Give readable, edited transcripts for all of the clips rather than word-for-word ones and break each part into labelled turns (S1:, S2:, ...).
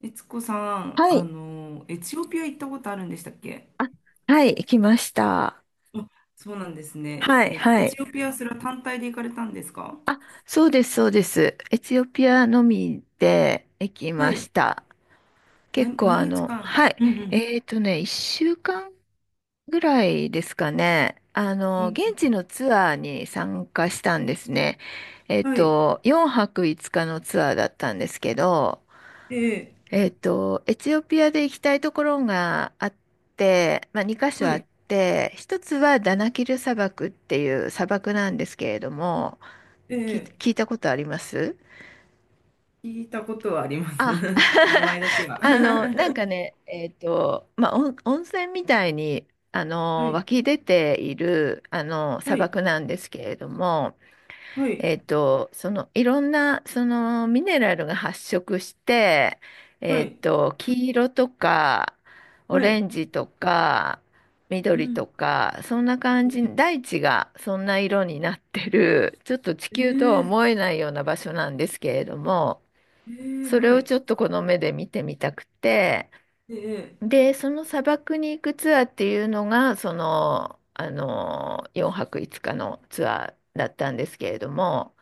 S1: 悦子さん、
S2: はい、
S1: エチオピア行ったことあるんでしたっけ？
S2: はい、行きました。
S1: あ、そうなんですね。
S2: はい、
S1: え、
S2: は
S1: エ
S2: い。
S1: チオピア、それは単体で行かれたんですか？
S2: そうです、そうです。エチオピアのみで行き
S1: は
S2: ま
S1: い。
S2: した。結構
S1: 何
S2: あ
S1: 日
S2: の、
S1: 間？
S2: はい。
S1: うんうん。
S2: 1週間ぐらいですかね。
S1: うん。
S2: 現地のツアーに参加したんですね。
S1: はい。
S2: 4泊5日のツアーだったんですけど、
S1: ええ。
S2: エチオピアで行きたいところがあって、まあ、2箇所
S1: は
S2: あっ
S1: い。
S2: て、一つはダナキル砂漠っていう砂漠なんですけれども、聞い、
S1: ええ。
S2: 聞いたことあります？
S1: 聞いたことはあります。
S2: あ、
S1: 名前だけ は。
S2: なんかね、まあ、温泉みたいに、
S1: はい。
S2: 湧き出ている、砂
S1: はい。
S2: 漠なんですけれども、
S1: はい。
S2: そのいろんなそのミネラルが発色して、
S1: はい。
S2: 黄色とかオ
S1: は
S2: レ
S1: い。
S2: ンジとか
S1: う
S2: 緑
S1: ん。
S2: とかそんな感じ、大地がそんな色になってる、ちょっと地球とは
S1: え
S2: 思
S1: え、
S2: えないような場所なんですけれども、
S1: ええ。
S2: それ
S1: は
S2: を
S1: い。
S2: ちょっとこの目で見てみたくて、
S1: ええ。
S2: でその砂漠に行くツアーっていうのがその、4泊5日のツアーだったんですけれども。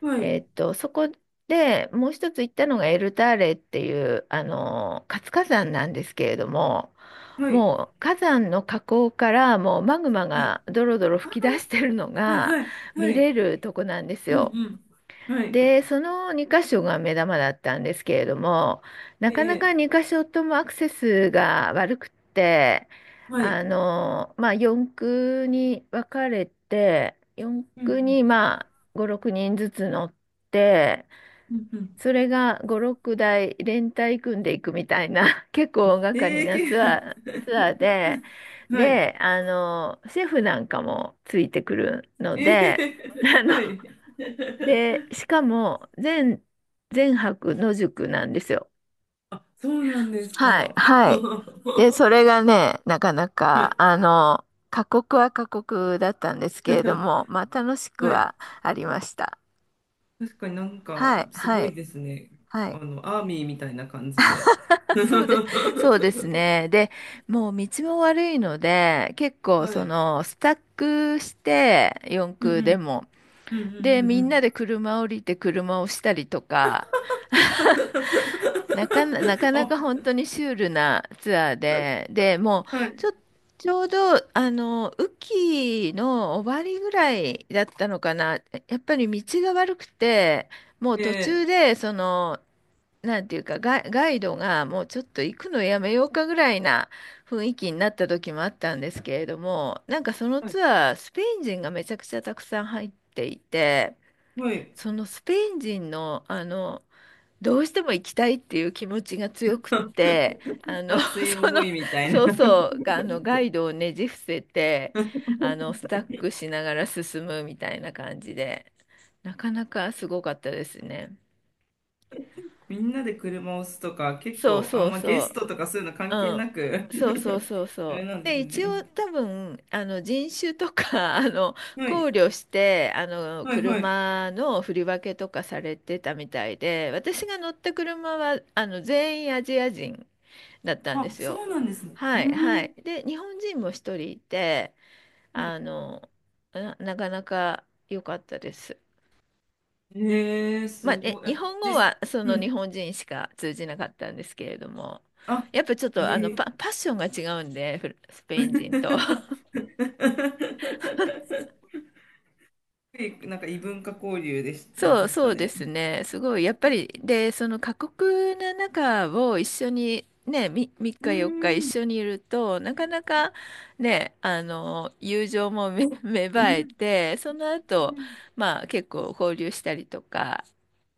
S1: はい。
S2: そこでもう一つ行ったのがエルターレっていう、活火山なんですけれども、
S1: はい。
S2: もう火山の火口からもうマグマ
S1: はい。
S2: がドロドロ噴き出してるの
S1: はい。
S2: が
S1: はい。
S2: 見
S1: は
S2: れ
S1: い。
S2: るとこなんです
S1: う
S2: よ。
S1: んうん。はい。
S2: で、その2箇所が目玉だったんですけれども、なかなか
S1: え
S2: 2
S1: え。
S2: 箇所ともアクセスが悪くって、
S1: はい。
S2: まあ、4区に分かれて、4
S1: う
S2: 区
S1: ん
S2: にまあ5、6人ずつ乗って、
S1: うんうん。
S2: それが5、6台連帯組んでいくみたいな、結構大掛
S1: うえん。
S2: かり
S1: えう
S2: な
S1: け、
S2: ツアーで、
S1: はい。
S2: で、シェフなんかもついてくるの
S1: え
S2: で、あ
S1: え。
S2: の
S1: はい。
S2: で、しかも、全泊野宿なんですよ。
S1: そうなんです
S2: はい、
S1: か。
S2: はい。で、それがね、なかな
S1: は
S2: か、
S1: い。
S2: 過酷は過酷だったんですけれど も、まあ、楽しく
S1: はい。
S2: はありました。
S1: 確かになんか、
S2: はい、
S1: す
S2: は
S1: ごい
S2: い、
S1: ですね。
S2: はい。
S1: アーミーみたいな感じで。
S2: あそうで、そうですね。で、もう道も悪いので、結構、
S1: はい。
S2: スタックして、四
S1: うん
S2: 駆
S1: う
S2: で
S1: ん。
S2: も、
S1: うんうんう
S2: で、
S1: んう
S2: みんな
S1: ん。
S2: で車降りて車をしたりとか、なかな、なかな
S1: あ、
S2: か本当にシュールなツアーで、で、もう、
S1: は
S2: ちょ、
S1: い。
S2: ちょうど、雨季の終わりぐらいだったのかな。やっぱり道が悪くて、もう途中
S1: え
S2: で、なんていうか、ガイドがもうちょっと行くのやめようかぐらいな雰囲気になった時もあったんですけれども、なんかその
S1: はい。
S2: ツアー、スペイン人がめちゃくちゃたくさん入っていて、
S1: はい。
S2: そのスペイン人の、どうしても行きたいっていう気持ちが強くって、
S1: 熱い思いみたい
S2: そう
S1: な。
S2: そう、ガイドをねじ伏せて、スタックしながら進むみたいな感じで、なかなかすごかったですね。
S1: みんなで車を押すとか、結
S2: そう
S1: 構、あ
S2: そ
S1: ん
S2: う
S1: まゲス
S2: そ
S1: トとかそういうの
S2: う。
S1: 関係
S2: う
S1: な
S2: ん。
S1: く、
S2: そうそうそう
S1: あ
S2: そ
S1: れ
S2: う。
S1: なんで
S2: で、
S1: す
S2: 一
S1: ね。
S2: 応多分、人種とか、
S1: は
S2: 考
S1: い、
S2: 慮して、
S1: はい、はい。
S2: 車の振り分けとかされてたみたいで、私が乗った車は、全員アジア人だったんで
S1: あ、
S2: す
S1: そ
S2: よ。
S1: うなんですね。う
S2: はいは
S1: ん。
S2: い。で、日本人も一人いて、あ
S1: は
S2: の、なかなか良かったです。
S1: い。えー、す
S2: まあ、
S1: ごい。
S2: 日
S1: あ、
S2: 本語
S1: 実、
S2: はそ
S1: う
S2: の日
S1: ん。
S2: 本人しか通じなかったんですけれども、
S1: あ、
S2: やっぱちょっ
S1: え
S2: とあの
S1: ー。
S2: パ、パッションが違うんで、フルスペイン人と。
S1: なんか異文化交流でし、
S2: そう、
S1: でし
S2: そ
S1: た
S2: うで
S1: ね。
S2: すね。すごい、やっぱり、で、その過酷な中を一緒に、ね、3
S1: うー
S2: 日4日一
S1: ん。
S2: 緒にいると、なかなかね、友情も芽
S1: う
S2: 生え
S1: ん。
S2: て、その後、まあ結構交流したりとか、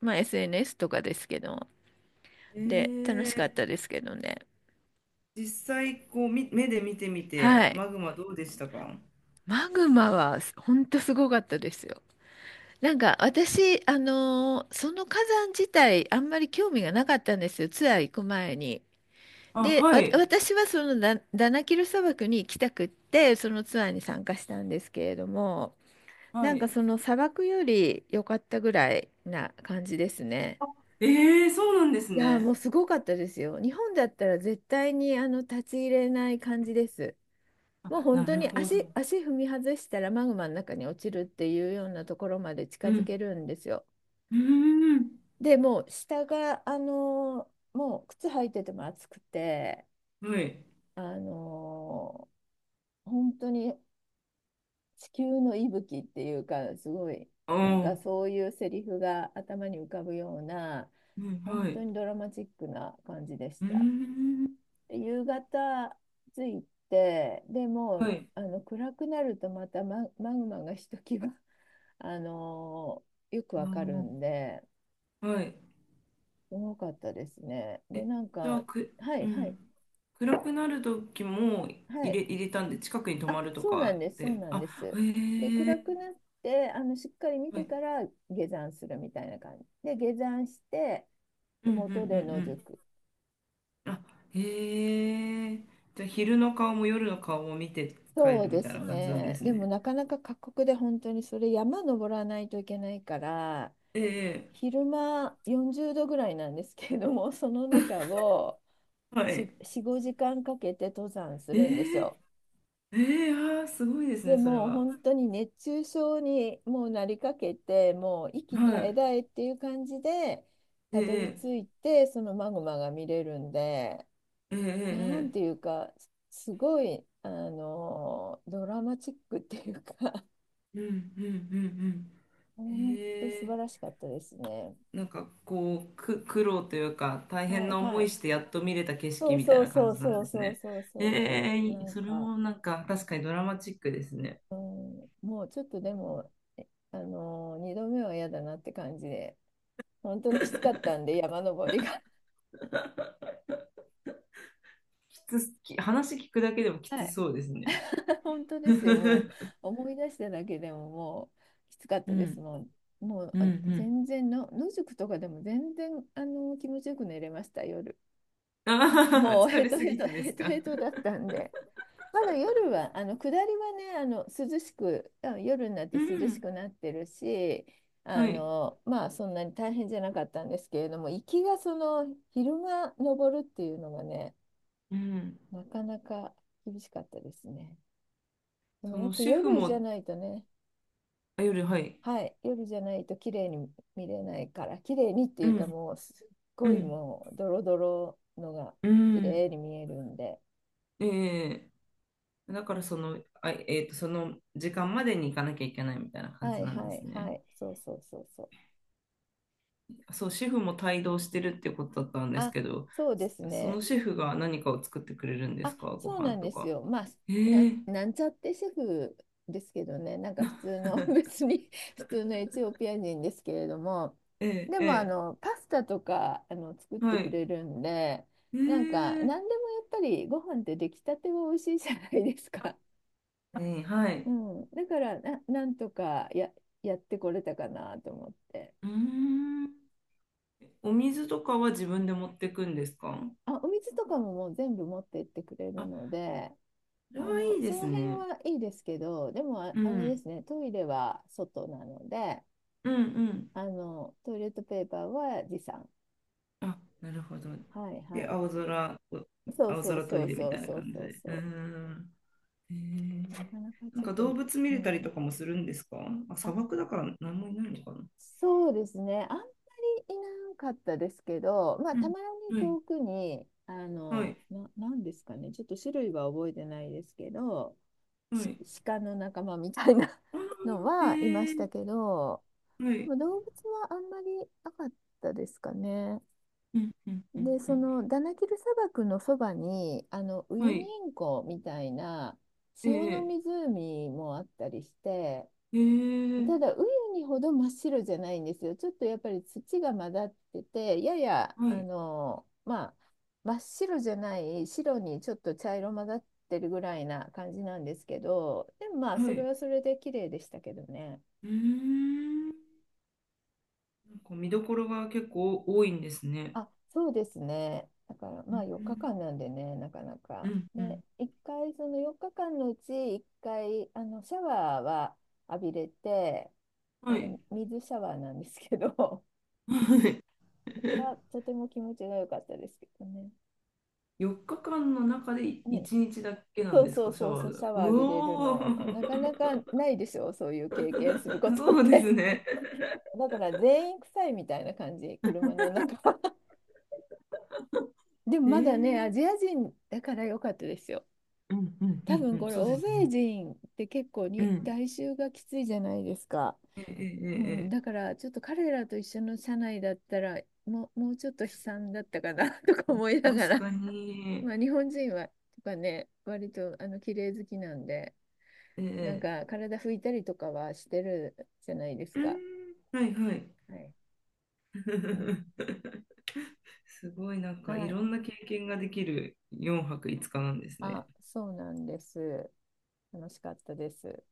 S2: まあ SNS とかですけど、
S1: う
S2: で、楽
S1: ん。
S2: しかったですけどね。
S1: 実際、こう、目で見てみ
S2: は
S1: て、
S2: い。
S1: マグマどうでしたか？
S2: マグマはほんとすごかったですよ。なんか私、その火山自体あんまり興味がなかったんですよ、ツアー行く前に。
S1: あ、
S2: で、
S1: は
S2: わ、
S1: い。
S2: 私はそのダナキル砂漠に行きたくって、そのツアーに参加したんですけれども、
S1: は
S2: なんか
S1: い。
S2: その砂漠より良かったぐらいな感じですね。
S1: ええ。そうなんです
S2: いやー、も
S1: ね。
S2: うすごかったですよ。日本だったら絶対にあの立ち入れない感じです。もう
S1: あ、
S2: 本
S1: な
S2: 当
S1: る
S2: に
S1: ほど。
S2: 足踏み外したらマグマの中に落ちるっていうようなところまで近
S1: う
S2: づけ
S1: ん。
S2: るんですよ。
S1: うーん。
S2: でもう下が、もう靴履いてても暑くて、
S1: はい。
S2: あの本当に地球の息吹っていうか、すごい、
S1: あ
S2: なんか
S1: あ、
S2: そういうセリフが頭に浮かぶような、
S1: うん、は
S2: 本
S1: い。
S2: 当
S1: う
S2: にドラマチックな感じでし
S1: ー
S2: た。
S1: ん。
S2: で夕方着いて、でも
S1: は
S2: う
S1: い。
S2: 暗くなるとまたマグマがひときわ、あのよくわかるん
S1: あ
S2: で、
S1: あ、はい。
S2: 多かったですね。で、
S1: え、
S2: なん
S1: じゃあ、
S2: か、はい
S1: う
S2: はい
S1: ん。暗くなる時も
S2: は
S1: 入れ、
S2: い。
S1: 入れたんで、近くに泊
S2: あ、
S1: まると
S2: そうなん
S1: か
S2: です、そう
S1: で、
S2: なん
S1: あ、
S2: で
S1: へ
S2: す。で、暗
S1: え。
S2: くなって、しっかり見
S1: は
S2: て
S1: い。
S2: から下山するみたいな感じ。で、下山して、
S1: うんうんう
S2: 麓で野
S1: ん
S2: 宿。
S1: うん。あ、へえ。じゃあ、昼の顔も夜の顔も見て帰
S2: そう
S1: るみ
S2: で
S1: たい
S2: す
S1: な感じなんで
S2: ね。
S1: す
S2: でも
S1: ね。
S2: なかなか過酷で本当にそれ山登らないといけないから、
S1: ええ。
S2: 昼間40度ぐらいなんですけれども、その中を
S1: はい。
S2: 4、5時間かけて登山す
S1: え
S2: るんです
S1: え、
S2: よ。
S1: ええ。ああー、すごいです
S2: で
S1: ね、それ
S2: もう
S1: は。
S2: 本当に熱中症にもうなりかけて、もう息絶
S1: は
S2: え
S1: い。
S2: 絶えっていう感じで、たどり
S1: え
S2: 着
S1: え、
S2: いて、そのマグマが見れるんで、
S1: え
S2: なん
S1: え、
S2: て
S1: え
S2: い
S1: え、
S2: うか、すごい、ドラマチックっていうか
S1: ええ。うんうんうんうん。
S2: 本当素
S1: え
S2: 晴ら
S1: え。
S2: しかったですね。
S1: なんかこう、苦労というか、大
S2: は
S1: 変
S2: い
S1: な
S2: は
S1: 思い
S2: い。
S1: してやっと見れた景
S2: そ
S1: 色
S2: う
S1: みたい
S2: そう
S1: な感
S2: そう
S1: じな
S2: そ
S1: ん
S2: う
S1: です
S2: そう
S1: ね。
S2: そうそうそ
S1: ええ。
S2: う。
S1: い
S2: な
S1: い、
S2: ん
S1: それ
S2: か、
S1: もなんか確かにドラマチックですね。
S2: うん、もうちょっとでも、えあのー、2度目は嫌だなって感じで、本当にきつかったんで、山登りが。
S1: きつ、き、話聞くだけでも き
S2: は
S1: つ
S2: い。
S1: そうですね。
S2: 本当 で
S1: う
S2: すよ、もう思い出しただけでももうきつかったです。
S1: ん
S2: もう、もう
S1: うん
S2: あ
S1: うん。
S2: 全然の、野宿とかでも全然気持ちよく寝れました、夜。
S1: ああ、
S2: もう
S1: 疲
S2: ヘ
S1: れ
S2: ト
S1: す
S2: ヘ
S1: ぎ
S2: ト、
S1: てで
S2: ヘ
S1: す
S2: トヘ
S1: か？
S2: トだったんで。まだ夜は、下りはね、涼しく、夜になって
S1: う
S2: 涼し
S1: ん。
S2: くなってるし、
S1: はい。
S2: まあそんなに大変じゃなかったんですけれども、行きがその昼間登るっていうのがね、
S1: うん。
S2: なかなか厳しかったですね。でも
S1: そ
S2: やっ
S1: の
S2: ぱ
S1: シェフ
S2: 夜じゃ
S1: も、
S2: ないとね、
S1: あ、夜、はい。
S2: はい、夜じゃないと綺麗に見れないから、綺麗にってい
S1: う
S2: うか
S1: ん。
S2: もうすっ
S1: う
S2: ごい
S1: ん、
S2: もうドロドロのが
S1: う
S2: 綺麗
S1: ん、
S2: に見えるんで、
S1: ええ。だからその、あ、その時間までに行かなきゃいけないみたいな感
S2: は
S1: じ
S2: い
S1: なんで
S2: は
S1: す
S2: いは
S1: ね。
S2: い、そうそうそうそう。
S1: そう、シェフも帯同してるってことだったんです
S2: あ、
S1: けど、
S2: そうです
S1: そそ
S2: ね。
S1: のシェフが何かを作ってくれるんで
S2: あ、
S1: すか、ご
S2: そうな
S1: 飯
S2: んで
S1: と
S2: す
S1: か。
S2: よ。まあ、
S1: え
S2: なん、
S1: ー、
S2: なんちゃってシェフですけどね、なんか普通の、別に普通のエチオピア人ですけれども、
S1: えー、
S2: でも
S1: ええ。
S2: パスタとか作っ
S1: は
S2: てく
S1: い。
S2: れるんで、
S1: え
S2: なんか、
S1: ー、
S2: 何でもやっぱりご飯って出来たては美味しいじゃないですか。
S1: ええ。は
S2: う
S1: い。
S2: ん、だからな、なんとかやってこれたかなと思って。
S1: うーん。お水とかは自分で持ってくんですか？
S2: あ、お水とかももう全部持ってってくれる
S1: あ、
S2: ので、
S1: それはいいで
S2: そ
S1: す
S2: の辺
S1: ね。
S2: はいいですけど、でも
S1: う
S2: あれで
S1: ん、
S2: すね、トイレは外なので、
S1: うん、うん。
S2: トイレットペーパーは持参。
S1: あ、なるほど。
S2: はいは
S1: で、
S2: い。そう
S1: 青
S2: そう
S1: 空ト
S2: そ
S1: イ
S2: う
S1: レみ
S2: そう
S1: たいな
S2: そう
S1: 感じ
S2: そう
S1: で。うー
S2: そ
S1: ん。へ
S2: う。な
S1: ー、
S2: かなか
S1: な
S2: ち
S1: ん
S2: ょっ
S1: か動
S2: と、
S1: 物見
S2: う
S1: れたり
S2: ん。
S1: とかもするんですか？あ、
S2: あ、
S1: 砂漠だから何もいないのかな？
S2: そうですね。あんまりいなかったですけど、まあ、
S1: う
S2: た
S1: ん。
S2: まに
S1: はい、
S2: 遠くに、
S1: はい、
S2: なんですかね、ちょっと種類は覚えてないですけど、
S1: は
S2: し、
S1: い。
S2: 鹿の仲間みたいな
S1: ああ、
S2: の
S1: へ
S2: はいまし
S1: え。
S2: たけど、
S1: はい。
S2: 動物はあんまりなかったですかね。
S1: うんうんう
S2: で、
S1: んう
S2: そ
S1: ん。
S2: のダナキル砂漠のそばに、ウ
S1: は
S2: ユニ
S1: い。
S2: 塩湖みたいな
S1: え
S2: 塩の
S1: え、
S2: 湖もあったりして、た
S1: ええ。
S2: だウユニほど真っ白じゃないんですよ。ちょっとやっぱり土が混ざってて、やや
S1: はい、
S2: まあ、真っ白じゃない白にちょっと茶色混ざってるぐらいな感じなんですけど、でもまあ
S1: は
S2: それ
S1: い。
S2: はそれで綺麗でしたけどね。
S1: うーん。なんか見どころが結構多いんですね。
S2: あ、そうですね。だから、
S1: う
S2: まあ4
S1: ん
S2: 日間なんでね、なかな
S1: う
S2: か。
S1: んうん。
S2: で、1回、その4日間のうち1回、シャワーは浴びれて、
S1: はい。
S2: 水シャワーなんですけど、
S1: はい。
S2: は とても気持ちが良かったですけどね。
S1: 4日間の中で
S2: ね、
S1: 1日だけなん
S2: そう
S1: です
S2: そ
S1: か、
S2: う
S1: シャ
S2: そう
S1: ワ
S2: そ
S1: ー
S2: う、
S1: が。
S2: シャワー
S1: う
S2: 浴びれる
S1: お
S2: の、なかな
S1: ー。
S2: かないでしょう、そういう経験するこ とっ
S1: そうです
S2: て。
S1: ね。
S2: だから全員臭いみたいな感じ、車の中。でも
S1: え
S2: ま
S1: ー、
S2: だね、アジア人だから良かったですよ。
S1: うんうんう
S2: 多
S1: んう
S2: 分
S1: ん、
S2: これ
S1: そうで
S2: 欧
S1: す
S2: 米
S1: ね。
S2: 人って結構
S1: う
S2: に
S1: ん。
S2: 外周がきついじゃないですか。
S1: ええ、え
S2: う
S1: え、
S2: ん、
S1: え
S2: だか
S1: え。
S2: らちょっと彼らと一緒の社内だったらもうちょっと悲惨だったかな とか思いなが
S1: 確
S2: ら、
S1: か に。
S2: まあ、日本人はとかね割と綺麗好きなんでなん
S1: ええ。
S2: か体拭いたりとかはしてるじゃないです
S1: う
S2: か。
S1: ん、はいはい。
S2: はい、うん
S1: すごいなんかい
S2: はい、
S1: ろんな経験ができる4泊5日なんですね。
S2: あ、そうなんです。楽しかったです。